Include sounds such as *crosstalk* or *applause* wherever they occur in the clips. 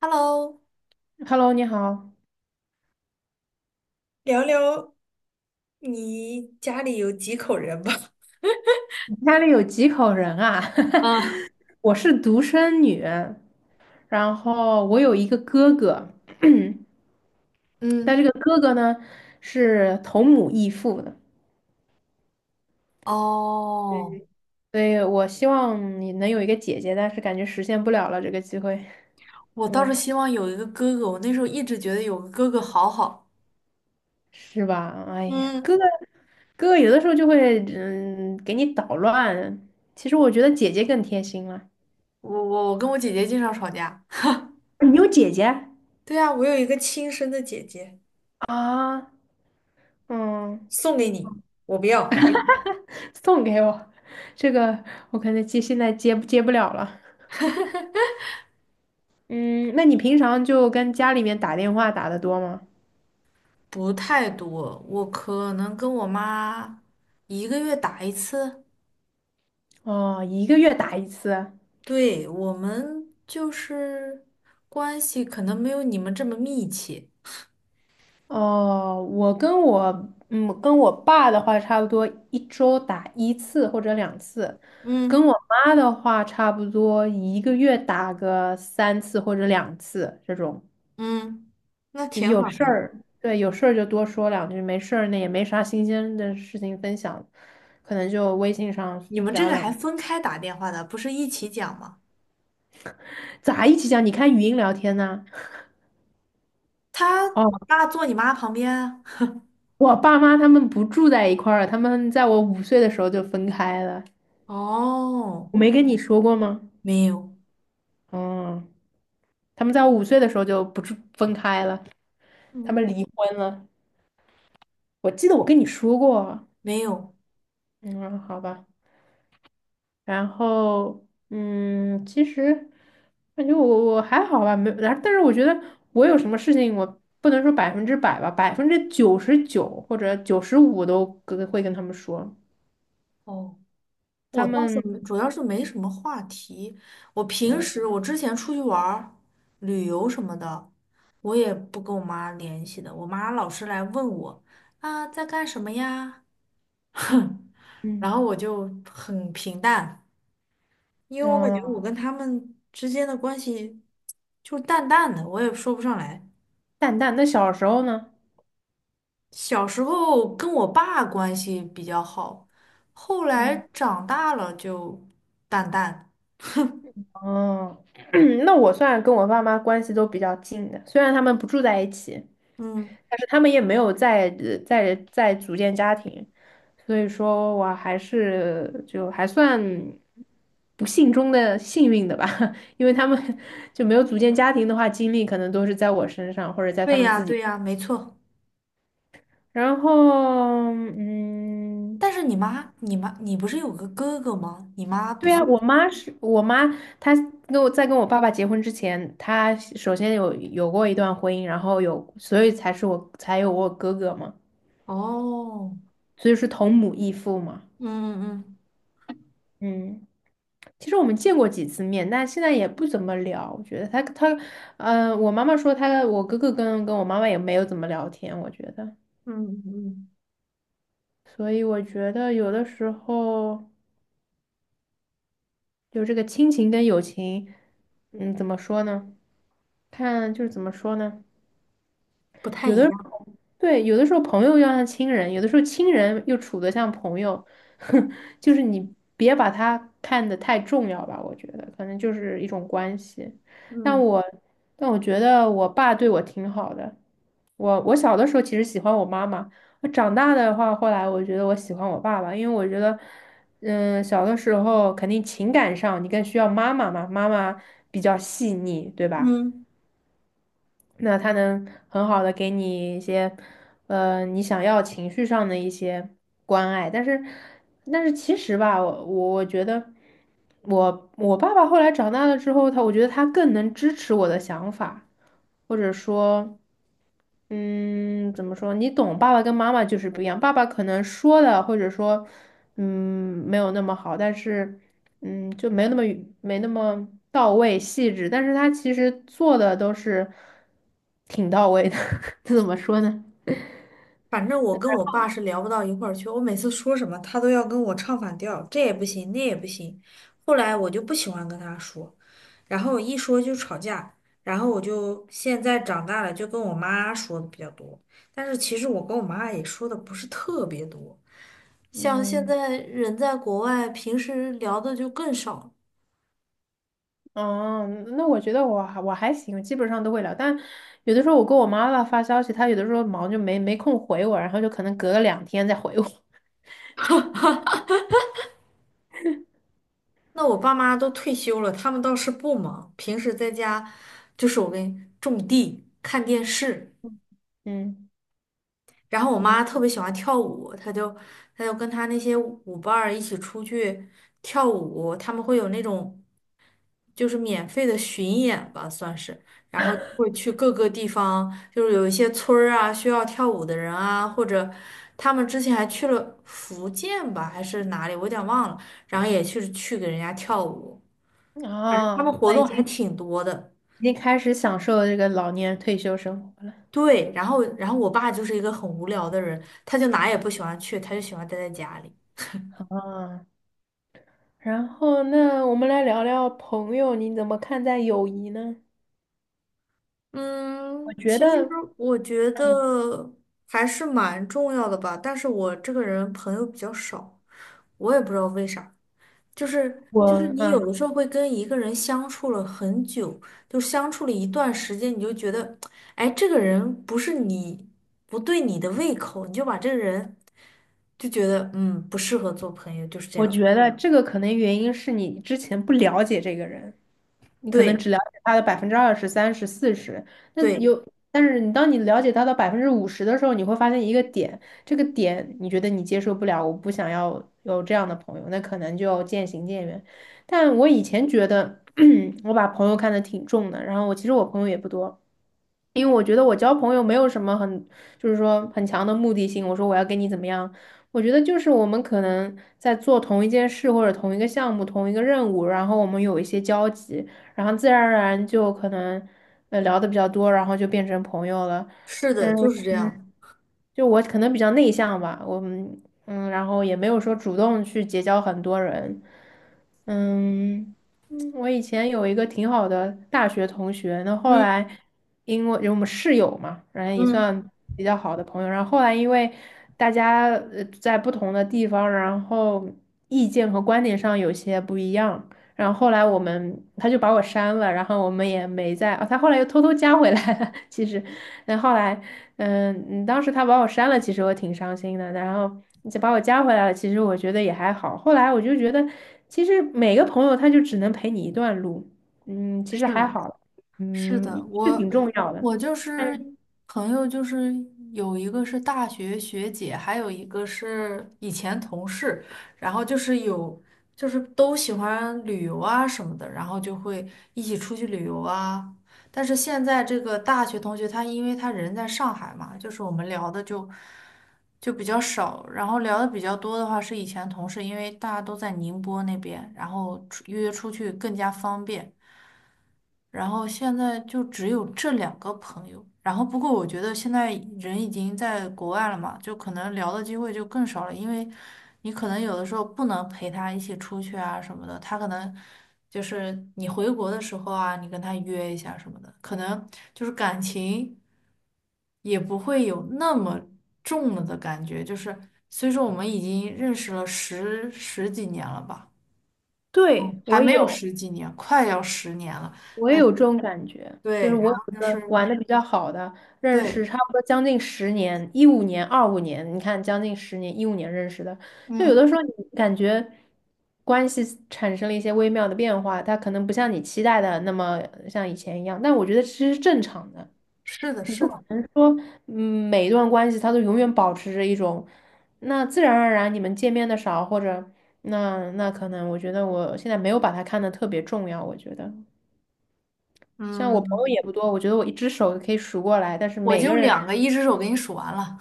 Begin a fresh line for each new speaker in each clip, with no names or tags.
Hello,
Hello，你好，
聊聊你家里有几口人吧？
你家里有几口人啊？
*laughs* 啊，
*laughs* 我是独生女，然后我有一个哥哥，但
嗯，
这个哥哥呢是同母异父的，
哦，
所以我希望你能有一个姐姐，但是感觉实现不了了这个机会，
我
对，
倒是希望有一个哥哥，我那时候一直觉得有个哥哥好好。
是吧？哎呀，
嗯，
哥哥有的时候就会给你捣乱，其实我觉得姐姐更贴心了。
我跟我姐姐经常吵架，
你有姐姐
对啊，我有一个亲生的姐姐，
啊？嗯。
送给你，我不要。
*laughs* 送给我，这个我可能现在接不了了。嗯，那你平常就跟家里面打电话打得多吗？
不太多，我可能跟我妈一个月打一次。
哦，一个月打一次。
对，我们就是关系可能没有你们这么密切。
哦，我跟我嗯跟我爸的话，差不多一周打一次或者两次，跟
嗯。
我妈的话，差不多一个月打个三次或者两次这种。
嗯，那挺
有
好
事
的。
儿，对，有事儿就多说两句，没事儿那也没啥新鲜的事情分享，可能就微信上
你们这
聊
个
两
还
句，
分开打电话的，不是一起讲吗？
咋一起讲？你看语音聊天呢、哦，
你爸坐你妈旁边啊。
我爸妈他们不住在一块儿了，他们在我五岁的时候就分开了。
哦，
我没跟你说过吗？
没有，
嗯，他们在我五岁的时候就不住分开了，他们
嗯，
离婚了。我记得我跟你说过。
没有。
嗯，好吧。然后，其实感觉我还好吧，没，然后但是我觉得我有什么事情，我不能说100%吧，99%或者95都会跟他们说，
哦，
他
我倒是
们，
没，主要是没什么话题。我平时
嗯，
我之前出去玩儿旅游什么的，我也不跟我妈联系的。我妈老是来问我啊，在干什么呀？*laughs* 然
嗯
后我就很平淡。因为我感觉我
嗯，
跟他们之间的关系就是淡淡的，我也说不上来。
淡淡。那小时候呢？
小时候跟我爸关系比较好，后来
嗯
长大了就淡淡。
哦，*clears throat* 那我算跟我爸妈关系都比较近的，虽然他们不住在一起。
嗯，
但是他们也没有在组建家庭，所以说我还是就还算不幸中的幸运的吧。*laughs* 因为他们就没有组建家庭的话，精力可能都是在我身上或者在他
对
们
呀，
自己。
对呀，没错。
然后，嗯，
但是你妈，你不是有个哥哥吗？你妈不
对啊，
算。
我妈是我妈，她跟我跟我爸爸结婚之前，她首先有过一段婚姻，然后有，所以才是我才有我哥哥嘛，
哦，
所以是同母异父嘛。
嗯嗯
嗯，其实我们见过几次面，但现在也不怎么聊。我觉得他，呃，我妈妈说他，我哥哥跟我妈妈也没有怎么聊天，我觉得。
嗯嗯嗯，
所以我觉得有的时候就这个亲情跟友情，嗯，怎么说呢？看就是怎么说呢？
不太
有
一
的。
样。
对，有的时候朋友要像亲人，有的时候亲人又处得像朋友。*laughs* 就是你别把他看得太重要吧，我觉得可能就是一种关系。但
嗯
我但我觉得我爸对我挺好的，我小的时候其实喜欢我妈妈，我长大的话，后来我觉得我喜欢我爸爸，因为我觉得，嗯，小的时候肯定情感上你更需要妈妈嘛，妈妈比较细腻，对吧？
嗯。
那他能很好的给你一些，呃，你想要情绪上的一些关爱。但是，但是其实吧，我觉得我爸爸后来长大了之后，我觉得他更能支持我的想法，或者说。嗯，怎么说？你懂，爸爸跟妈妈就是不一样。爸爸可能说的，或者说，嗯，没有那么好，但是，嗯，就没有那么没那么到位、细致。但是他其实做的都是挺到位的。*laughs* 这怎么说呢？
反正我跟我爸是聊不到一块儿去，我每次说什么他都要跟我唱反调，这也不行，那也不行。后来我就不喜欢跟他说，然后一说就吵架，然后我就现在长大了，就跟我妈说的比较多。但是其实我跟我妈也说的不是特别多，像现
嗯，
在人在国外，平时聊的就更少了。
哦，那我觉得我还行，基本上都会聊。但有的时候我跟我妈妈发消息，她有的时候忙就没空回我，然后就可能隔了2天再回我。*laughs*
那我爸妈都退休了，他们倒是不忙，平时在家就是我跟种地、看电视。
嗯
然后我
嗯，
妈特别喜欢跳舞，她就跟她那些舞伴儿一起出去跳舞，他们会有那种就是免费的巡演吧，算是，然后会去各个地方，就是有一些村儿啊需要跳舞的人啊，或者他们之前还去了福建吧，还是哪里，我有点忘了，然后也去给人家跳舞，反正他们
啊。
活
那已
动还
经
挺多的。
已经开始享受这个老年退休生活了
对，然后我爸就是一个很无聊的人，他就哪也不喜欢去，他就喜欢待在家里。
啊。然后，那我们来聊聊朋友，你怎么看待友谊呢？我
嗯，其
觉
实
得，
我觉
嗯
得还是蛮重要的吧，但是我这个人朋友比较少，我也不知道为啥，就是
我
你有
嗯，
的时候会跟一个人相处了很久，就相处了一段时间，你就觉得，哎，这个人不是你不对你的胃口，你就把这个人就觉得嗯不适合做朋友，就是这
我
样。
觉得这个可能原因是你之前不了解这个人，你可能只
对
了解他的20%、30、40，那
对，
有，但是当你了解他的50%的时候，你会发现一个点，这个点你觉得你接受不了，我不想要有这样的朋友，那可能就渐行渐远。但我以前觉得 *clears throat* 我把朋友看得挺重的，然后其实我朋友也不多。因为我觉得我交朋友没有什么很，就是说很强的目的性。我说我要跟你怎么样？我觉得就是我们可能在做同一件事或者同一个项目、同一个任务，然后我们有一些交集，然后自然而然就可能聊的比较多，然后就变成朋友了。
是的，
嗯。
就是这样。
就我可能比较内向吧，我嗯嗯，然后也没有说主动去结交很多人。嗯，嗯。我以前有一个挺好的大学同学，那后
嗯
来因为我们室友嘛，然后也
嗯，
算比较好的朋友，然后后来因为大家在不同的地方，然后意见和观点上有些不一样，然后后来他就把我删了，然后我们也没在，哦，他后来又偷偷加回来了，*laughs* 其实，然后来。嗯，当时他把我删了，其实我挺伤心的。然后你再把我加回来了，其实我觉得也还好。后来我就觉得，其实每个朋友他就只能陪你一段路，嗯，其实
是
还
的。
好，
是
嗯，
的，
是
我
挺重要的。
我就
但
是
是
朋友，就是有一个是大学学姐，还有一个是以前同事，然后就是有就是都喜欢旅游啊什么的，然后就会一起出去旅游啊。但是现在这个大学同学，他因为他人在上海嘛，就是我们聊的就比较少，然后聊的比较多的话是以前同事，因为大家都在宁波那边，然后出约出去更加方便。然后现在就只有这两个朋友。然后不过我觉得现在人已经在国外了嘛，就可能聊的机会就更少了，因为你可能有的时候不能陪他一起出去啊什么的，他可能就是你回国的时候啊，你跟他约一下什么的，可能就是感情也不会有那么重了的感觉。就是虽说我们已经认识了十几年了吧，
对，
还
我
没有
有，
十几年，快要10年了。
我也有这种感觉，就是
对，
我
然
有
后
一
就
个
是
玩的比较好的，认
对，
识差不多将近十年，一五年、2025年，你看将近十年，一五年认识的，就有的
嗯，
时候你感觉关系产生了一些微妙的变化，它可能不像你期待的那么像以前一样，但我觉得其实是正常的，
是的，
你不
是
可
的，
能说，嗯，每一段关系它都永远保持着一种，那自然而然你们见面的少，或者那可能我觉得我现在没有把它看得特别重要，我觉得。像我朋
嗯，
友也不多，我觉得我一只手可以数过来，但是
我
每个
就
人，
两个一只手给你数完了。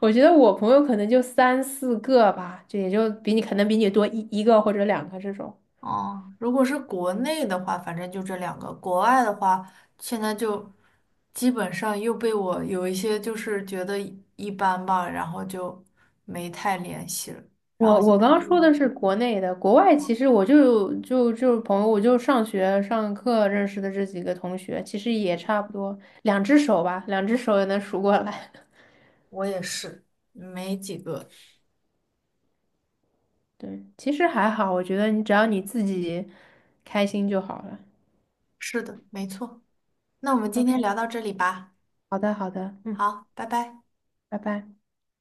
我觉得我朋友可能就三四个吧，也就可能比你多一个或者两个这种。
哦，如果是国内的话，反正就这两个；国外的话，现在就基本上又被我有一些就是觉得一般吧，然后就没太联系了。然后
我
现
我
在
刚刚
就
说的是国内的，国外其实我就就就朋友，我就上学上课认识的这几个同学，其实也差不多两只手吧，两只手也能数过来。*laughs*
我也是没几个。
对，其实还好，我觉得你只要你自己开心就好了。
是的，没错。那我们今
OK，
天聊到这里吧。
好的好的，嗯，
好，拜拜。
拜拜。